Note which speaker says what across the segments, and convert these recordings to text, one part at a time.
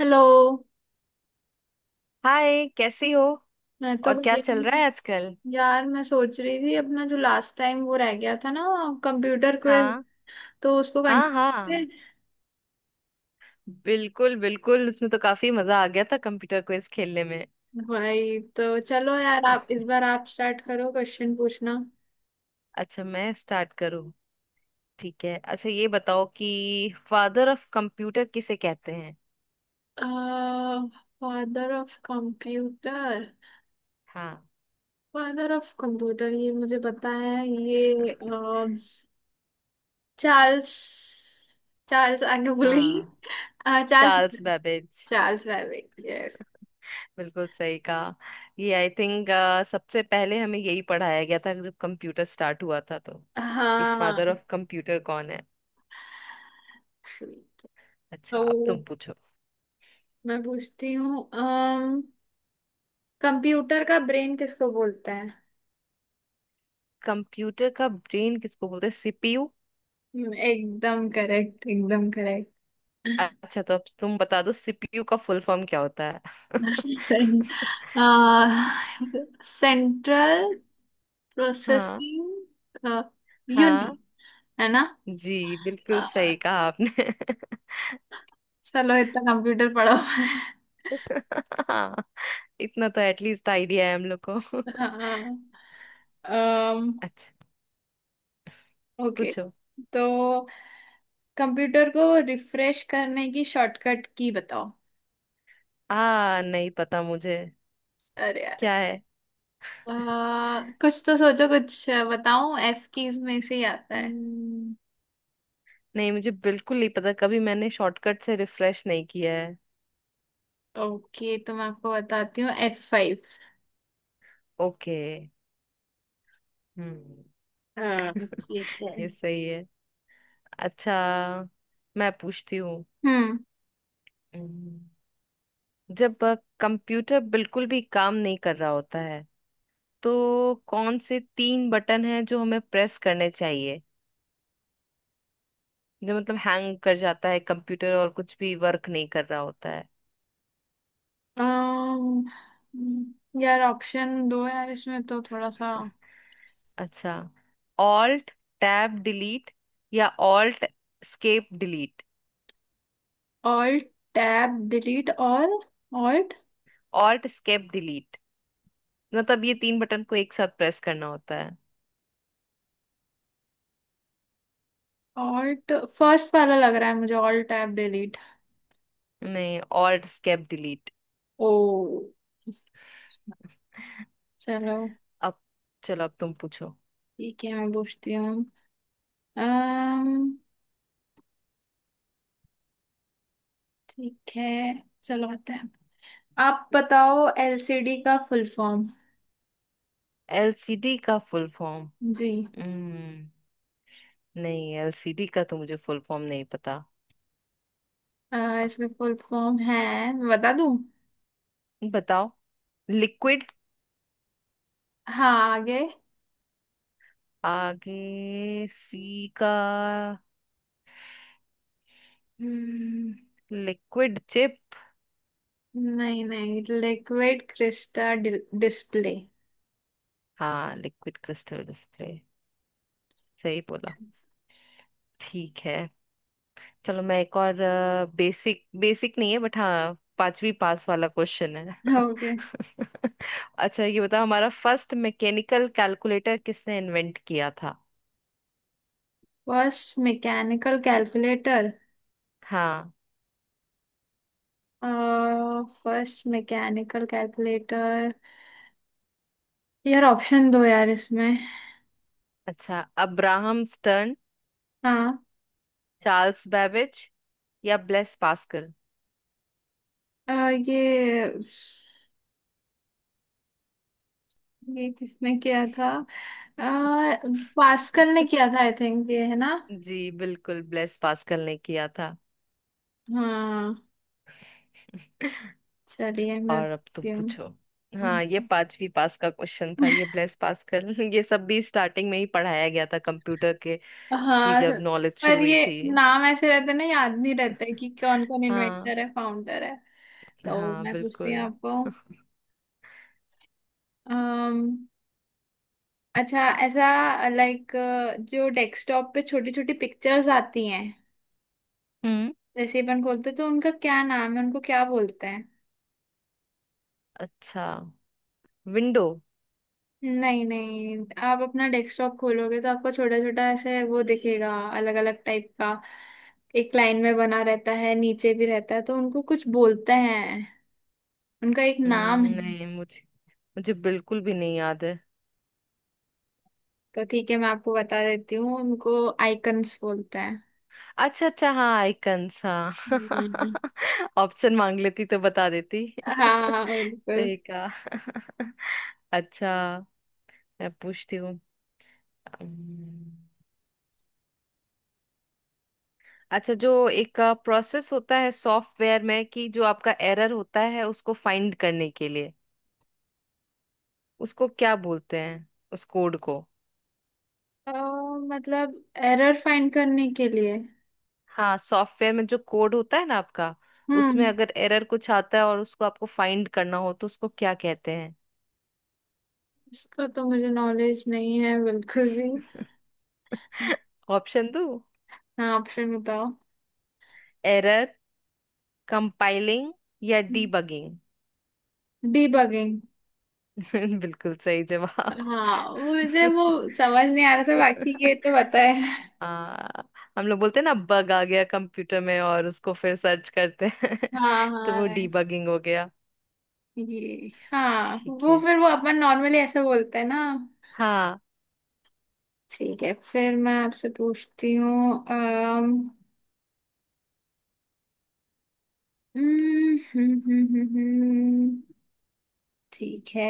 Speaker 1: Hello.
Speaker 2: Hi, कैसी हो।
Speaker 1: मैं तो
Speaker 2: और क्या
Speaker 1: बढ़िया
Speaker 2: चल रहा
Speaker 1: हूँ।
Speaker 2: है आजकल।
Speaker 1: यार, मैं सोच रही थी अपना जो लास्ट टाइम वो रह गया था ना, कंप्यूटर क्विज,
Speaker 2: हाँ।
Speaker 1: तो उसको
Speaker 2: हाँ
Speaker 1: कंटिन्यू
Speaker 2: हाँ बिल्कुल बिल्कुल, उसमें तो काफी मजा आ गया था कंप्यूटर क्विज खेलने में।
Speaker 1: करें। भाई, तो चलो यार, आप इस बार आप स्टार्ट करो क्वेश्चन पूछना।
Speaker 2: अच्छा, मैं स्टार्ट करूँ। ठीक है, अच्छा ये बताओ कि फादर ऑफ कंप्यूटर किसे कहते हैं।
Speaker 1: Father of computer?
Speaker 2: हाँ।
Speaker 1: फादर ऑफ कंप्यूटर, ये मुझे पता है ये। चार्ल्स। चार्ल्स, आगे भूल गई।
Speaker 2: हाँ।
Speaker 1: Charles.
Speaker 2: Charles Babbage.
Speaker 1: Charles Babbage, yes.
Speaker 2: बिल्कुल सही कहा। ये आई थिंक, सबसे पहले हमें यही पढ़ाया गया था जब कंप्यूटर स्टार्ट हुआ था तो, कि
Speaker 1: हाँ।
Speaker 2: फादर ऑफ कंप्यूटर कौन है। अच्छा अब तुम
Speaker 1: तो
Speaker 2: पूछो।
Speaker 1: मैं पूछती हूँ, अम कंप्यूटर का ब्रेन किसको बोलते हैं?
Speaker 2: कंप्यूटर का ब्रेन किसको बोलते हैं। सीपीयू।
Speaker 1: एकदम करेक्ट, एकदम करेक्ट।
Speaker 2: अच्छा तो अब तुम बता दो सीपीयू का फुल फॉर्म क्या होता है।
Speaker 1: सेंट्रल
Speaker 2: हाँ
Speaker 1: प्रोसेसिंग
Speaker 2: हाँ
Speaker 1: यूनिट, है ना?
Speaker 2: जी
Speaker 1: अ,
Speaker 2: बिल्कुल सही कहा आपने।
Speaker 1: चलो, इतना कंप्यूटर पढ़ो।
Speaker 2: हाँ, इतना तो एटलीस्ट आइडिया है हम लोग को।
Speaker 1: हाँ।
Speaker 2: अच्छा,
Speaker 1: ओके,
Speaker 2: पूछो।
Speaker 1: तो कंप्यूटर को रिफ्रेश करने की शॉर्टकट की बताओ।
Speaker 2: आ, नहीं पता मुझे।
Speaker 1: अरे यार!
Speaker 2: क्या है।
Speaker 1: कुछ तो सोचो, कुछ बताऊं, एफ कीज में से ही आता है।
Speaker 2: हम्म, नहीं, मुझे बिल्कुल नहीं पता, कभी मैंने शॉर्टकट से रिफ्रेश नहीं किया है।
Speaker 1: ओके, तो मैं आपको बताती हूँ, एफ फाइव।
Speaker 2: ओके। हम्म।
Speaker 1: हाँ, ठीक है।
Speaker 2: ये सही है। अच्छा, मैं पूछती हूँ।
Speaker 1: हम्म।
Speaker 2: हम्म, जब कंप्यूटर बिल्कुल भी काम नहीं कर रहा होता है, तो कौन से तीन बटन हैं जो हमें प्रेस करने चाहिए। जो मतलब हैंग कर जाता है कंप्यूटर और कुछ भी वर्क नहीं कर रहा होता है।
Speaker 1: यार ऑप्शन दो यार, इसमें तो थोड़ा सा।
Speaker 2: अच्छा, ऑल्ट टैब डिलीट या alt escape delete.
Speaker 1: Alt tab delete और ऑल्ट।
Speaker 2: ऑल्ट स्केप डिलीट, मतलब ये तीन बटन को एक साथ प्रेस करना होता है।
Speaker 1: ऑल्ट फर्स्ट वाला लग रहा है मुझे, ऑल्ट टैब डिलीट।
Speaker 2: नहीं, ऑल्ट स्केप डिलीट।
Speaker 1: ओ, चलो।
Speaker 2: अब चलो अब तुम पूछो।
Speaker 1: ठीक है, मैं पूछती हूँ। अम्म, ठीक है, चलो आते हैं। आप बताओ एलसीडी का फुल फॉर्म।
Speaker 2: एलसीडी का फुल फॉर्म।
Speaker 1: जी।
Speaker 2: हम्म। नहीं, एलसीडी का तो मुझे फुल फॉर्म नहीं पता।
Speaker 1: इसका फुल फॉर्म है, मैं बता दूं।
Speaker 2: बताओ। लिक्विड।
Speaker 1: हाँ, आगे।
Speaker 2: आगे सी का, लिक्विड चिप।
Speaker 1: नहीं नहीं, लिक्विड क्रिस्टल डिस्प्ले।
Speaker 2: हाँ, लिक्विड क्रिस्टल डिस्प्ले। सही बोला। ठीक है, चलो मैं एक और, बेसिक बेसिक नहीं है बट हाँ पांचवी पास वाला क्वेश्चन है।
Speaker 1: ओके।
Speaker 2: अच्छा, ये बताओ हमारा फर्स्ट मैकेनिकल कैलकुलेटर किसने इन्वेंट किया था।
Speaker 1: First mechanical calculator?
Speaker 2: हाँ।
Speaker 1: फर्स्ट मैकेनिकल कैलकुलेटर, यार ऑप्शन दो यार इसमें।
Speaker 2: अच्छा, अब्राहम स्टर्न,
Speaker 1: हाँ।
Speaker 2: चार्ल्स बेबेज या ब्लेस पास्कल।
Speaker 1: अ, ये ये किसने किया था? आ, पास्कल ने किया था आई थिंक, ये है ना?
Speaker 2: जी बिल्कुल, ब्लेस पास्कल ने किया था।
Speaker 1: हाँ, चलिए मैं
Speaker 2: और अब तुम
Speaker 1: पूछती हूँ।
Speaker 2: पूछो। हाँ, ये पांचवी पास का क्वेश्चन था ये, ब्लेस पास्कल। ये सब भी स्टार्टिंग में ही पढ़ाया गया था कंप्यूटर के, की
Speaker 1: हाँ,
Speaker 2: जब नॉलेज शुरू
Speaker 1: पर
Speaker 2: हुई
Speaker 1: ये
Speaker 2: थी।
Speaker 1: नाम ऐसे रहते हैं ना, याद नहीं रहता है कि कौन कौन
Speaker 2: हाँ।
Speaker 1: इन्वेंटर है, फाउंडर है। तो
Speaker 2: हाँ
Speaker 1: मैं पूछती हूँ
Speaker 2: बिल्कुल।
Speaker 1: आपको। अम्म अच्छा, ऐसा लाइक, जो डेस्कटॉप पे छोटी छोटी पिक्चर्स आती हैं,
Speaker 2: हम्म।
Speaker 1: जैसे अपन खोलते हैं, तो उनका क्या नाम है, उनको क्या बोलते हैं?
Speaker 2: अच्छा, विंडो।
Speaker 1: नहीं नहीं, आप अपना डेस्कटॉप खोलोगे तो आपको छोटा छोटा ऐसे वो दिखेगा, अलग अलग टाइप का, एक लाइन में बना रहता है, नीचे भी रहता है, तो उनको कुछ बोलते हैं, उनका एक नाम है।
Speaker 2: नहीं, मुझे मुझे बिल्कुल भी नहीं याद है।
Speaker 1: तो ठीक है, मैं आपको बता देती हूँ, उनको आइकन्स बोलते हैं।
Speaker 2: अच्छा अच्छा, हाँ आइकन्स, हाँ।
Speaker 1: हम्म।
Speaker 2: ऑप्शन मांग लेती तो बता देती।
Speaker 1: हाँ, बिल्कुल।
Speaker 2: सही कहा। अच्छा, मैं पूछती हूँ। अम्म, अच्छा, जो एक प्रोसेस होता है सॉफ्टवेयर में कि जो आपका एरर होता है उसको फाइंड करने के लिए, उसको क्या बोलते हैं, उस कोड को।
Speaker 1: तो मतलब एरर फाइंड करने के लिए?
Speaker 2: हाँ, सॉफ्टवेयर में जो कोड होता है ना आपका,
Speaker 1: हम्म।
Speaker 2: उसमें अगर एरर कुछ आता है और उसको आपको फाइंड करना हो तो उसको क्या कहते हैं।
Speaker 1: इसका तो मुझे नॉलेज नहीं है, बिल्कुल भी।
Speaker 2: ऑप्शन दो।
Speaker 1: हाँ, ऑप्शन बताओ।
Speaker 2: एरर कंपाइलिंग या डीबगिंग।
Speaker 1: डीबगिंग।
Speaker 2: बिल्कुल सही जवाब।
Speaker 1: हाँ, वो मुझे वो समझ नहीं आ रहा था, बाकी ये तो पता है।
Speaker 2: हाँ, हम लोग बोलते हैं ना बग आ गया कंप्यूटर में और उसको फिर सर्च करते हैं।
Speaker 1: हाँ
Speaker 2: तो
Speaker 1: हाँ,
Speaker 2: वो
Speaker 1: right.
Speaker 2: डीबगिंग हो गया।
Speaker 1: ये, हाँ,
Speaker 2: ठीक
Speaker 1: वो
Speaker 2: है।
Speaker 1: फिर वो अपन नॉर्मली ऐसे बोलते हैं ना।
Speaker 2: हाँ।
Speaker 1: ठीक है, फिर मैं आपसे पूछती हूँ। हम्म। ठीक है।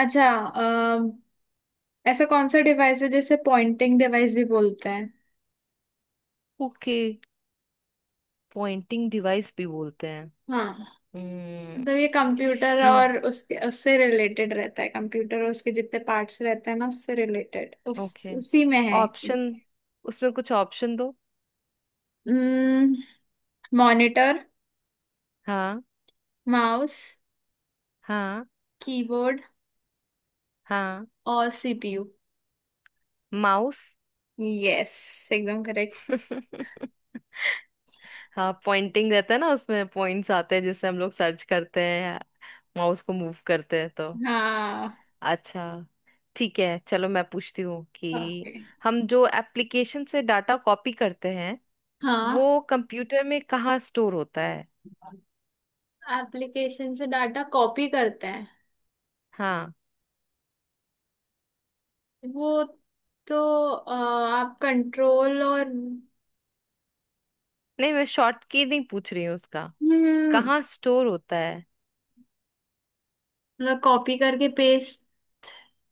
Speaker 1: अच्छा, ऐसा कौन सा डिवाइस है जिसे पॉइंटिंग डिवाइस भी बोलते हैं?
Speaker 2: ओके। पॉइंटिंग डिवाइस भी बोलते हैं।
Speaker 1: हाँ,
Speaker 2: हम्म।
Speaker 1: मतलब ये कंप्यूटर
Speaker 2: हम्म,
Speaker 1: और उसके उससे रिलेटेड रहता है, कंप्यूटर और उसके जितने पार्ट्स रहते हैं ना, उससे रिलेटेड, उस
Speaker 2: ओके।
Speaker 1: उसी में है।
Speaker 2: ऑप्शन, उसमें कुछ ऑप्शन दो।
Speaker 1: मॉनिटर,
Speaker 2: हाँ।
Speaker 1: माउस,
Speaker 2: हाँ।
Speaker 1: कीबोर्ड
Speaker 2: हाँ।
Speaker 1: और सीपीयू?
Speaker 2: माउस।
Speaker 1: यस, एकदम करेक्ट।
Speaker 2: हाँ, पॉइंटिंग रहता है ना उसमें, पॉइंट्स आते हैं जिससे हम लोग सर्च करते हैं, माउस को मूव करते हैं तो।
Speaker 1: हाँ।
Speaker 2: अच्छा, ठीक है चलो मैं पूछती हूँ कि
Speaker 1: ओके।
Speaker 2: हम जो एप्लीकेशन से डाटा कॉपी करते हैं,
Speaker 1: हाँ,
Speaker 2: वो कंप्यूटर में कहाँ स्टोर होता है।
Speaker 1: एप्लीकेशन से डाटा कॉपी करते हैं
Speaker 2: हाँ।
Speaker 1: वो तो, आप कंट्रोल और...
Speaker 2: नहीं, मैं शॉर्ट की नहीं पूछ रही हूँ उसका,
Speaker 1: हम्म।
Speaker 2: कहाँ स्टोर होता है।
Speaker 1: मतलब कॉपी करके पेस्ट?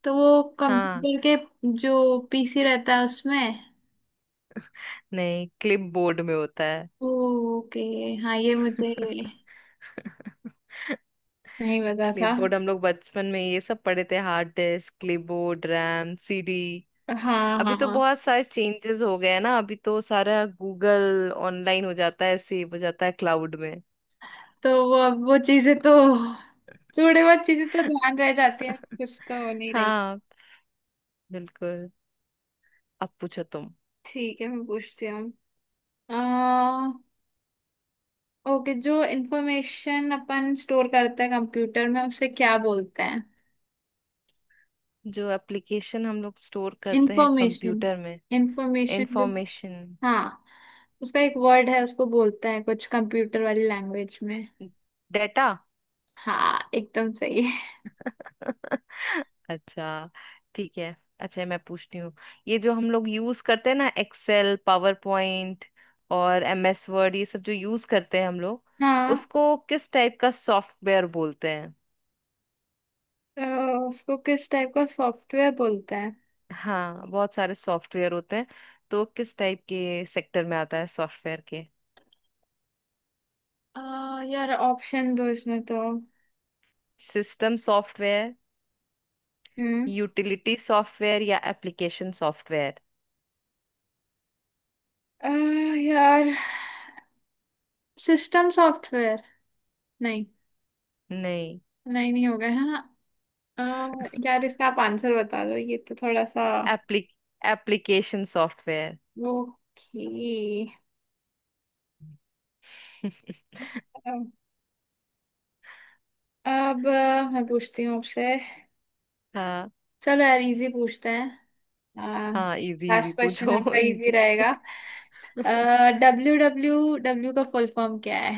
Speaker 1: तो वो
Speaker 2: हाँ।
Speaker 1: कंप्यूटर के जो पीसी रहता है उसमें।
Speaker 2: नहीं, क्लिपबोर्ड में होता है।
Speaker 1: ओके। हाँ, ये मुझे नहीं पता था।
Speaker 2: क्लिपबोर्ड, हम लोग बचपन में ये सब पढ़े थे, hard disk, clipboard, RAM, CD.
Speaker 1: हाँ
Speaker 2: अभी तो
Speaker 1: हाँ,
Speaker 2: बहुत सारे चेंजेस हो गए हैं ना, अभी तो सारा गूगल ऑनलाइन हो जाता है, सेव हो जाता है क्लाउड में।
Speaker 1: तो वो अब वो चीजें तो, थोड़े बहुत चीजें तो ध्यान रह जाती है, कुछ तो हो नहीं रही।
Speaker 2: हाँ बिल्कुल। अब पूछो तुम।
Speaker 1: ठीक है, मैं पूछती हूँ। अह ओके, जो इंफॉर्मेशन अपन स्टोर करते हैं कंप्यूटर में उसे क्या बोलते हैं?
Speaker 2: जो एप्लीकेशन हम लोग स्टोर करते हैं
Speaker 1: इंफॉर्मेशन,
Speaker 2: कंप्यूटर में,
Speaker 1: इंफॉर्मेशन जो,
Speaker 2: इंफॉर्मेशन।
Speaker 1: हाँ, उसका एक वर्ड है, उसको बोलते हैं कुछ कंप्यूटर वाली लैंग्वेज में।
Speaker 2: डेटा।
Speaker 1: हाँ, एकदम सही है।
Speaker 2: अच्छा, ठीक है। अच्छा, मैं पूछती हूँ, ये जो हम लोग यूज करते हैं ना एक्सेल, पावर पॉइंट और एम एस वर्ड, ये सब जो यूज करते हैं हम लोग,
Speaker 1: हाँ।
Speaker 2: उसको किस टाइप का सॉफ्टवेयर बोलते हैं।
Speaker 1: अ, उसको किस टाइप का सॉफ्टवेयर बोलते हैं?
Speaker 2: हाँ, बहुत सारे सॉफ्टवेयर होते हैं, तो किस टाइप के सेक्टर में आता है सॉफ्टवेयर के।
Speaker 1: अ, यार, ऑप्शन दो इसमें तो।
Speaker 2: सिस्टम सॉफ्टवेयर,
Speaker 1: हम्म।
Speaker 2: यूटिलिटी सॉफ्टवेयर या एप्लीकेशन सॉफ्टवेयर।
Speaker 1: अ, यार, सिस्टम सॉफ्टवेयर? नहीं,
Speaker 2: नहीं,
Speaker 1: नहीं नहीं, हो गए, हाँ। अ, यार, इसका आप आंसर बता दो, ये तो थोड़ा सा।
Speaker 2: एप्ली एप्लीकेशन सॉफ्टवेयर।
Speaker 1: ओके। अब मैं पूछती हूँ आपसे।
Speaker 2: हाँ,
Speaker 1: चलो यार, इजी पूछते हैं,
Speaker 2: हाँ इजी इजी
Speaker 1: लास्ट क्वेश्चन
Speaker 2: पूछो।
Speaker 1: आपका इजी
Speaker 2: इजी।
Speaker 1: रहेगा। डब्ल्यू डब्ल्यू डब्ल्यू का फुल फॉर्म क्या है?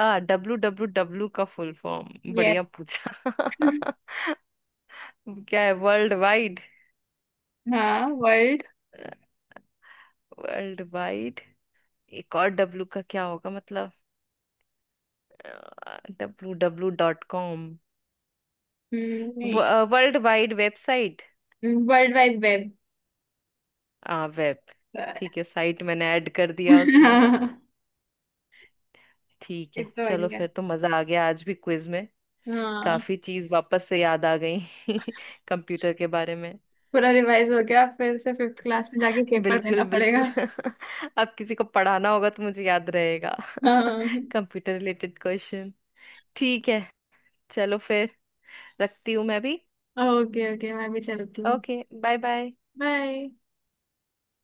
Speaker 2: आ, डब्लू डब्लू डब्लू का फुल फॉर्म, बढ़िया
Speaker 1: यस।
Speaker 2: पूछा। क्या है, वर्ल्ड वाइड।
Speaker 1: हाँ, वर्ल्ड।
Speaker 2: वर्ल्ड वाइड, एक और डब्लू का क्या होगा मतलब, डब्लू डब्लू डॉट कॉम।
Speaker 1: नहीं,
Speaker 2: world wide website.
Speaker 1: World wide web.
Speaker 2: आ, वेब। ठीक है, साइट मैंने ऐड कर दिया उसमें।
Speaker 1: हाँ।
Speaker 2: ठीक है,
Speaker 1: इतना
Speaker 2: चलो
Speaker 1: बढ़िया,
Speaker 2: फिर तो मजा आ गया आज भी क्विज में।
Speaker 1: हाँ,
Speaker 2: काफी चीज वापस से याद आ गई। कंप्यूटर के बारे में।
Speaker 1: पूरा रिवाइज हो गया, फिर से फिफ्थ क्लास में जाके पेपर देना
Speaker 2: बिल्कुल बिल्कुल।
Speaker 1: पड़ेगा।
Speaker 2: अब किसी को पढ़ाना होगा तो मुझे याद रहेगा।
Speaker 1: हाँ।
Speaker 2: Computer related question. ठीक है, चलो फिर, रखती हूँ मैं भी।
Speaker 1: ओके, ओके, मैं भी चलती हूँ।
Speaker 2: Okay, bye bye.
Speaker 1: बाय।